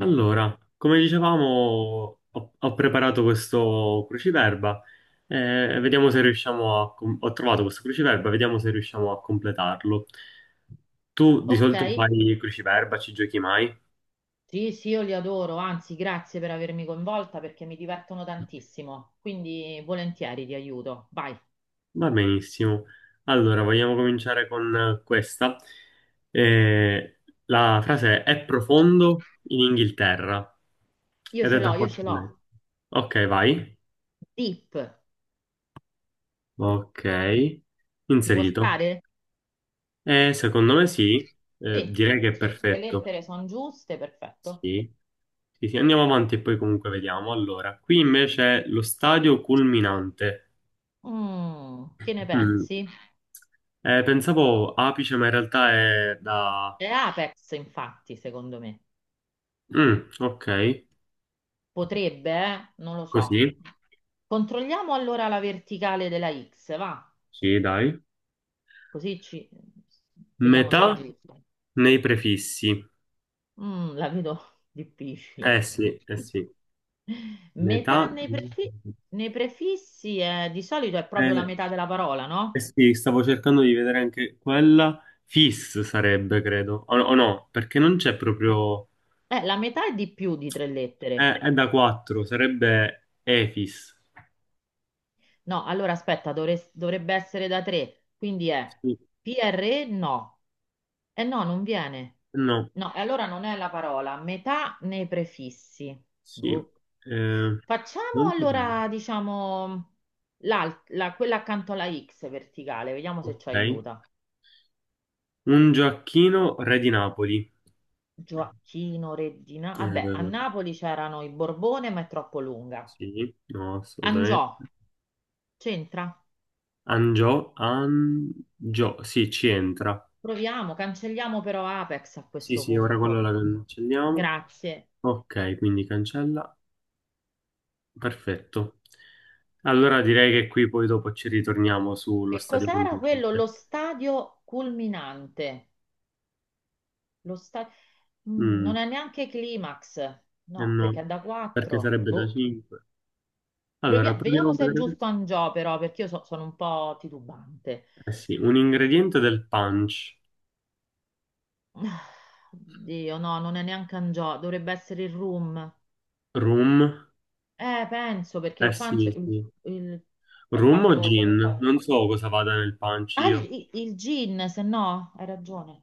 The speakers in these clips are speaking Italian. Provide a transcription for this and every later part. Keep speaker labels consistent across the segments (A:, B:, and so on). A: Allora, come dicevamo, ho preparato questo cruciverba e vediamo se riusciamo Ho trovato questo cruciverba, vediamo se riusciamo a completarlo. Tu di
B: Ok,
A: solito fai cruciverba, ci giochi mai?
B: sì, sì, io li adoro, anzi, grazie per avermi coinvolta perché mi divertono tantissimo, quindi volentieri ti aiuto. Vai,
A: Va benissimo. Allora, vogliamo cominciare con questa. Eh, la frase è profondo in Inghilterra
B: io
A: ed è
B: ce
A: da
B: l'ho, io
A: quattro
B: ce l'ho.
A: lettere. Ok, vai.
B: Deep,
A: Ok,
B: ci può
A: inserito.
B: stare?
A: Secondo me sì. Eh,
B: Sì,
A: direi che è
B: se le
A: perfetto.
B: lettere sono giuste, perfetto.
A: Sì. Sì, sì, andiamo avanti e poi comunque vediamo. Allora, qui invece è lo stadio culminante.
B: Mm, che ne
A: Mm.
B: pensi?
A: Pensavo apice, ma in realtà è da...
B: È Apex, infatti, secondo me.
A: Mm, ok,
B: Potrebbe, eh? Non lo so.
A: così.
B: Controlliamo allora la verticale della X, va?
A: Sì, dai.
B: Così ci... vediamo se è
A: Metà
B: giusto.
A: nei prefissi.
B: Mm, la vedo
A: Eh
B: difficile.
A: sì, eh sì. Metà...
B: Metà nei prefi- Nei prefissi di solito è proprio la
A: Eh,
B: metà della parola,
A: eh
B: no?
A: sì, stavo cercando di vedere anche quella. Fis sarebbe, credo. O no, perché non c'è proprio...
B: La metà è di più di tre lettere.
A: È da 4, sarebbe Efis.
B: No, allora aspetta, dovrebbe essere da tre. Quindi è
A: Sì,
B: PRE no. Eh no, non viene.
A: no,
B: No, e allora non è la parola. Metà nei prefissi.
A: sì.
B: Boh.
A: Eh,
B: Facciamo
A: non potrei.
B: allora, diciamo, quella accanto alla X verticale, vediamo se ci
A: Ok.
B: aiuta.
A: Un Gioacchino, re di Napoli.
B: Gioachino, Reggina.
A: Eh,
B: Vabbè, a Napoli c'erano i Borbone, ma è troppo lunga.
A: sì, no,
B: Angiò,
A: assolutamente.
B: c'entra?
A: Angio, Angio, sì, ci entra.
B: Proviamo, cancelliamo però Apex a
A: Sì,
B: questo
A: sì, ora quello
B: punto.
A: la cancelliamo.
B: Grazie.
A: Ok, quindi cancella. Perfetto. Allora direi che qui poi dopo ci ritorniamo sullo
B: Che
A: stadio
B: cos'era quello?
A: conveniente.
B: Lo stadio culminante. Lo sta- Mm, non
A: Mm,
B: è neanche climax.
A: eh
B: No,
A: no,
B: perché è da
A: perché
B: 4.
A: sarebbe da
B: Boh.
A: 5. Allora, proviamo
B: Vediamo
A: a
B: se è
A: vedere.
B: giusto Angiò però, perché sono un po' titubante.
A: Eh sì, un ingrediente del punch.
B: Ah, Dio, no, non è neanche Angiò, dovrebbe essere il Room.
A: Rum.
B: Penso perché
A: Eh
B: il punch
A: sì,
B: il-
A: sì.
B: il- è
A: Rum o
B: fatto come
A: gin?
B: poi.
A: Non so cosa vada nel punch
B: Ah,
A: io.
B: il gin, se no, hai ragione.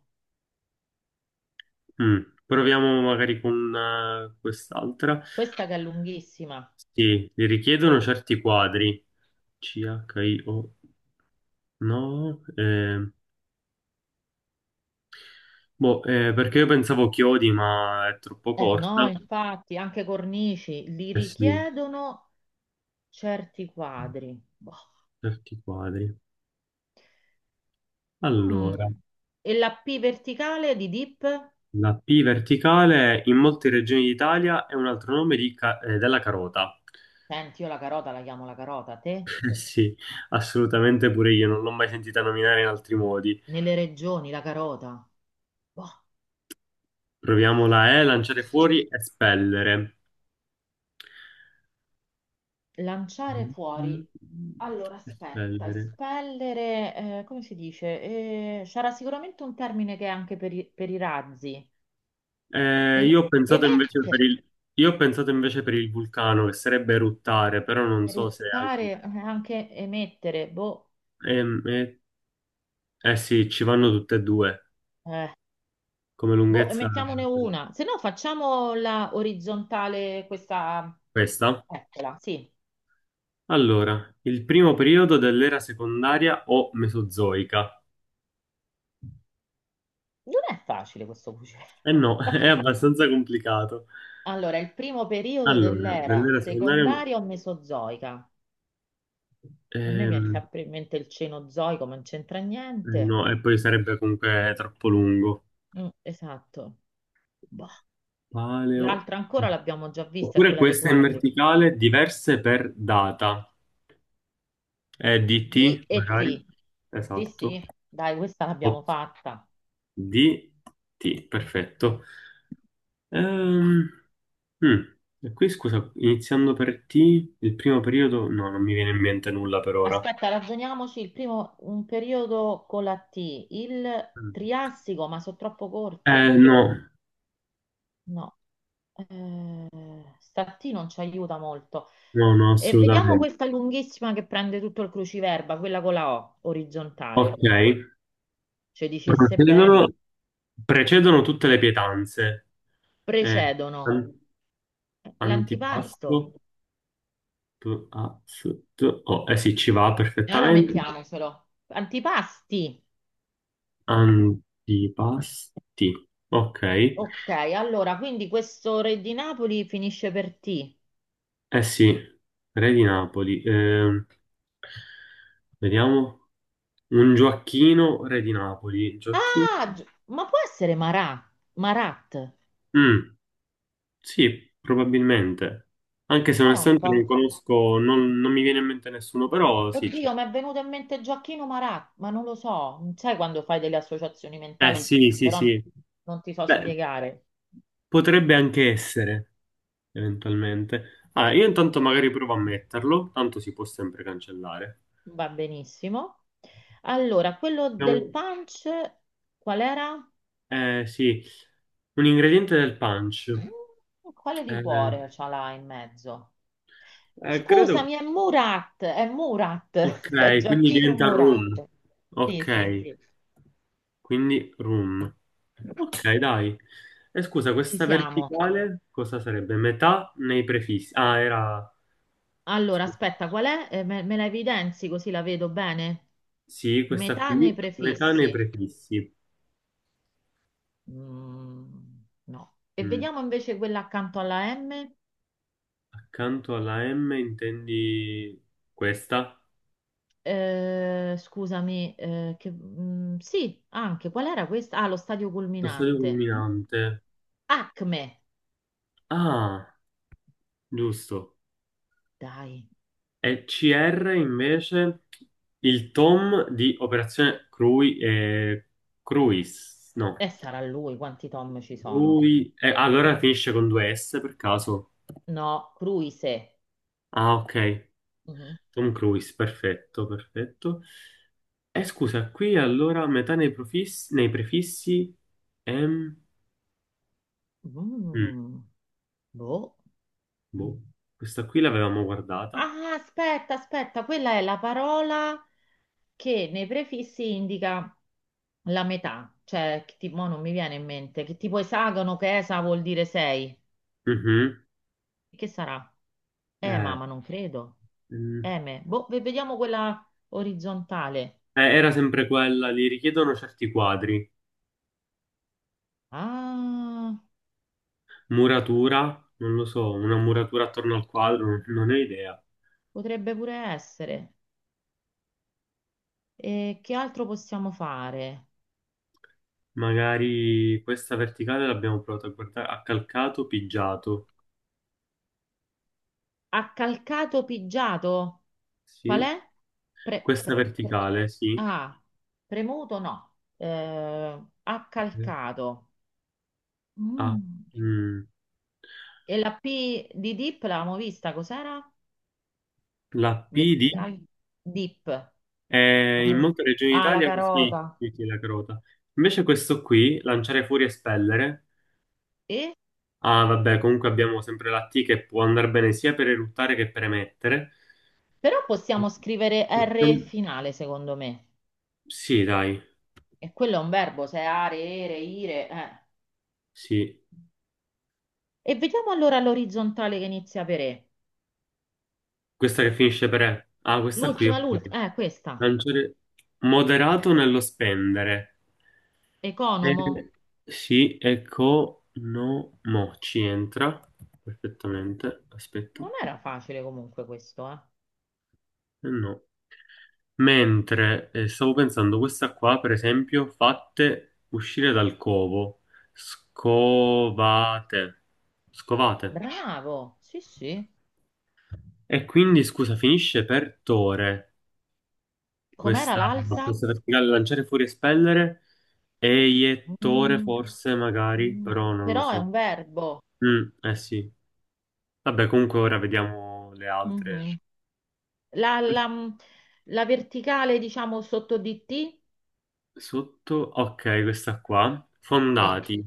A: Mm, Proviamo magari con quest'altra.
B: Questa che è lunghissima.
A: Sì, li richiedono certi quadri. CHIO. No. Boh, perché io pensavo chiodi, ma è troppo
B: Eh no,
A: corta.
B: infatti, anche cornici li
A: Eh sì,
B: richiedono certi quadri. Boh.
A: certi quadri. Allora.
B: Mm. E la P verticale di dip?
A: La P verticale in molte regioni d'Italia è un altro nome di della carota.
B: Senti, io la carota la chiamo la carota, te?
A: Eh sì, assolutamente pure io, non l'ho mai sentita nominare in altri modi.
B: Nelle regioni la carota. Boh.
A: Proviamo la E, lanciare fuori, espellere.
B: Lanciare
A: Mm,
B: fuori. Allora, aspetta,
A: Espellere.
B: espellere, come si dice? C'era sicuramente un termine che è anche per i razzi.
A: Eh,
B: Eme-
A: io ho pensato invece per
B: emettere,
A: il, io ho pensato invece per il vulcano, che sarebbe eruttare, però non so se anche...
B: eruttare, anche emettere. Boh,
A: Ehm, eh sì, ci vanno tutte e due,
B: eh,
A: come
B: boh,
A: lunghezza
B: emettiamone
A: sarebbe
B: una. Se no, facciamo la orizzontale, questa...
A: questa.
B: Eccola, sì.
A: Allora, il primo periodo dell'era secondaria o mesozoica.
B: Non è facile questo cucire.
A: Eh no, è abbastanza complicato.
B: Allora, il primo periodo
A: Allora,
B: dell'era
A: dell'era secondaria...
B: secondaria o mesozoica? E a me mi è
A: ehm,
B: sempre in mente il Cenozoico, ma non c'entra
A: eh
B: niente.
A: no, e poi sarebbe comunque troppo lungo.
B: Mm, esatto. Boh.
A: Paleo...
B: L'altra ancora l'abbiamo già vista, è
A: Oppure
B: quella dei
A: questa in
B: quadri.
A: verticale, diverse per data.
B: D
A: DT,
B: e
A: magari.
B: T. Sì,
A: Esatto.
B: sì, dai, questa
A: O-
B: l'abbiamo fatta.
A: DT, perfetto. Ehm, Mm. E qui scusa, iniziando per T, il primo periodo, no, non mi viene in mente nulla per ora.
B: Aspetta, ragioniamoci. Il primo, un periodo con la T. Il
A: Mm.
B: Triassico, ma sono troppo
A: Eh,
B: corti.
A: no,
B: No. Eh, sta T non ci aiuta molto.
A: no, no,
B: E vediamo
A: assolutamente.
B: questa lunghissima che prende tutto il cruciverba, quella con la O,
A: Ok,
B: orizzontale. Ci dicesse bene,
A: precedono, precedono tutte le pietanze. Eh,
B: precedono
A: an-
B: l'antipasto.
A: antipasto, PASTO. Eh sì, ci va
B: Allora
A: perfettamente.
B: mettiamocelo. Antipasti.
A: Antipasti, ok.
B: Ok, allora, quindi questo re di Napoli finisce per T.
A: Eh sì, re di Napoli. Vediamo. Un Gioacchino, re di Napoli. Gioacchino?
B: Ah, ma può essere Marà? Marat?
A: Mm, sì, probabilmente. Anche se
B: Prova un
A: onestamente non
B: po'.
A: conosco, non mi viene in mente nessuno, però sì. C'è.
B: Oddio, mi è venuto in mente Gioacchino Marat, ma non lo so. Non sai quando fai delle associazioni
A: Eh
B: mentali,
A: sì, sì,
B: però
A: sì.
B: non ti so
A: Beh,
B: spiegare.
A: potrebbe anche essere, eventualmente. Ah, io intanto magari provo a metterlo, tanto si può sempre cancellare.
B: Va benissimo. Allora, quello del
A: Abbiamo-
B: punch, qual era?
A: Eh sì, un ingrediente del punch.
B: Mm, quale
A: Eh,
B: liquore ce l'ha in mezzo?
A: credo...
B: Scusami, è
A: Ok,
B: Murat, è
A: quindi
B: Gioacchino
A: diventa rum.
B: Murat. Sì, sì,
A: Ok.
B: sì,
A: Quindi room. Ok, dai. E scusa,
B: ci
A: questa
B: siamo.
A: verticale cosa sarebbe? Metà nei prefissi. Ah, era...
B: Allora,
A: scusa.
B: aspetta, qual è? Me la evidenzi così la vedo bene?
A: Sì, questa
B: Metà nei
A: qui, metà nei
B: prefissi.
A: prefissi.
B: Mm, no. E
A: Mm.
B: vediamo invece quella accanto alla M.
A: Accanto alla M intendi questa?
B: Eh, scusami, sì, anche. Qual era questa? Ah, lo stadio
A: Sostanza
B: culminante.
A: culminante.
B: Acme.
A: Ah, giusto.
B: Dai.
A: E CR invece il tom di Operazione Cruis. No.
B: E sarà lui, quanti Tom ci sono?
A: Ah, allora finisce con due S per caso.
B: No, Cruise.
A: Ah, ok.
B: Mhm.
A: Tom Cruise, perfetto, perfetto. Scusa, qui allora metà nei profissi, nei prefissi, M... mm,
B: Mm, boh.
A: boh. Questa qui l'avevamo guardata.
B: Ah, aspetta, aspetta, quella è la parola che nei prefissi indica la metà, cioè, mo non mi viene in mente, che tipo esagono, che esa vuol dire sei.
A: Mhm.
B: Che sarà?
A: Eh,
B: Mamma, non credo.
A: mm.
B: Eme, boh, vediamo quella orizzontale.
A: Era sempre quella, li richiedono certi quadri.
B: Ah,
A: Muratura, non lo so, una muratura attorno al quadro, non ne ho idea.
B: potrebbe pure essere. E che altro possiamo fare?
A: Magari questa verticale l'abbiamo provata a guardare. Accalcato, pigiato.
B: Accalcato pigiato? Qual
A: Sì.
B: è? Pre-
A: Questa
B: pre- pre-
A: verticale, sì.
B: ah, premuto no.
A: Sì.
B: Accalcato.
A: Ah,
B: Mm.
A: mm.
B: E la P di dip l'avevamo vista, cos'era?
A: La P di
B: Verticale? Dip. Non me
A: in
B: lo-
A: molte regioni
B: Ah, la
A: d'Italia sì,
B: carota.
A: sì, sì, la crota. Invece questo qui, lanciare fuori e spellere.
B: E?
A: Ah, vabbè, comunque abbiamo sempre la T che può andare bene sia per eruttare che per emettere.
B: Però possiamo scrivere R
A: Possiamo-
B: finale, secondo me.
A: Sì, dai,
B: E quello è un verbo, se è are, ere, ire. Eh.
A: sì.
B: E vediamo allora l'orizzontale che inizia per E.
A: Questa che finisce per E. Ah, questa qui,
B: L'ultima,
A: ok.
B: l'ultima, questa.
A: Lanciare moderato nello spendere.
B: Economo.
A: Eh, sì, ecco, no, mo ci entra perfettamente. Aspetta,
B: Non
A: eh,
B: era facile comunque questo, eh.
A: no. Mentre stavo pensando, questa qua, per esempio, fatte uscire dal covo, scovate, scovate.
B: Bravo, sì, sì.
A: E quindi, scusa, finisce per tore
B: Com'era
A: questa,
B: l'altra?
A: questa verticale, lanciare fuori, espellere, eiettore
B: Mm,
A: forse, magari, però
B: mm,
A: non lo
B: però è
A: so.
B: un verbo.
A: Mm, eh sì. Vabbè, comunque ora vediamo le altre.
B: Mhm. La,
A: Que-
B: la- mm, la verticale, diciamo, sotto di T?
A: Sotto, ok, questa qua.
B: Sì.
A: Fondati.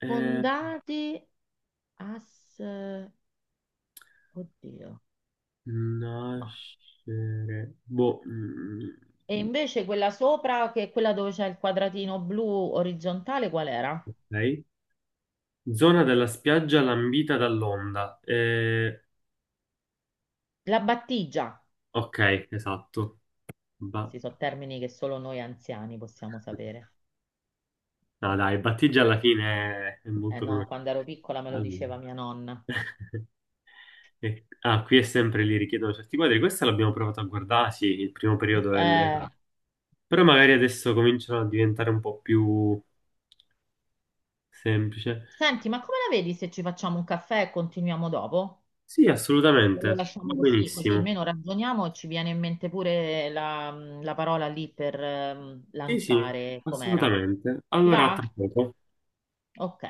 A: Eh,
B: Fondati as... Oddio, no.
A: nascere. Boh. Mm.
B: E invece quella sopra, che è quella dove c'è il quadratino blu orizzontale, qual era?
A: Ok. Zona della spiaggia lambita dall'onda. Eh,
B: La battigia.
A: ok, esatto. Ba-
B: Questi sono termini che solo noi anziani possiamo sapere.
A: No, dai, battigia alla fine è
B: Eh
A: molto
B: no,
A: conosciuto.
B: quando ero piccola me lo
A: Allora.
B: diceva mia nonna.
A: Ah, qui è sempre lì richiedono certi quadri. Questa l'abbiamo provato a guardare, sì, il primo periodo.
B: Eh,
A: Però magari adesso cominciano a diventare un po' più semplice.
B: senti, ma come la vedi se ci facciamo un caffè e continuiamo dopo?
A: Sì,
B: E lo
A: assolutamente, va
B: lasciamo così, così
A: benissimo.
B: almeno ragioniamo e ci viene in mente pure la, la parola lì per
A: Sì, sì,
B: lanciare com'era.
A: assolutamente.
B: Ti
A: Allora, a
B: va?
A: tra poco.
B: Ok.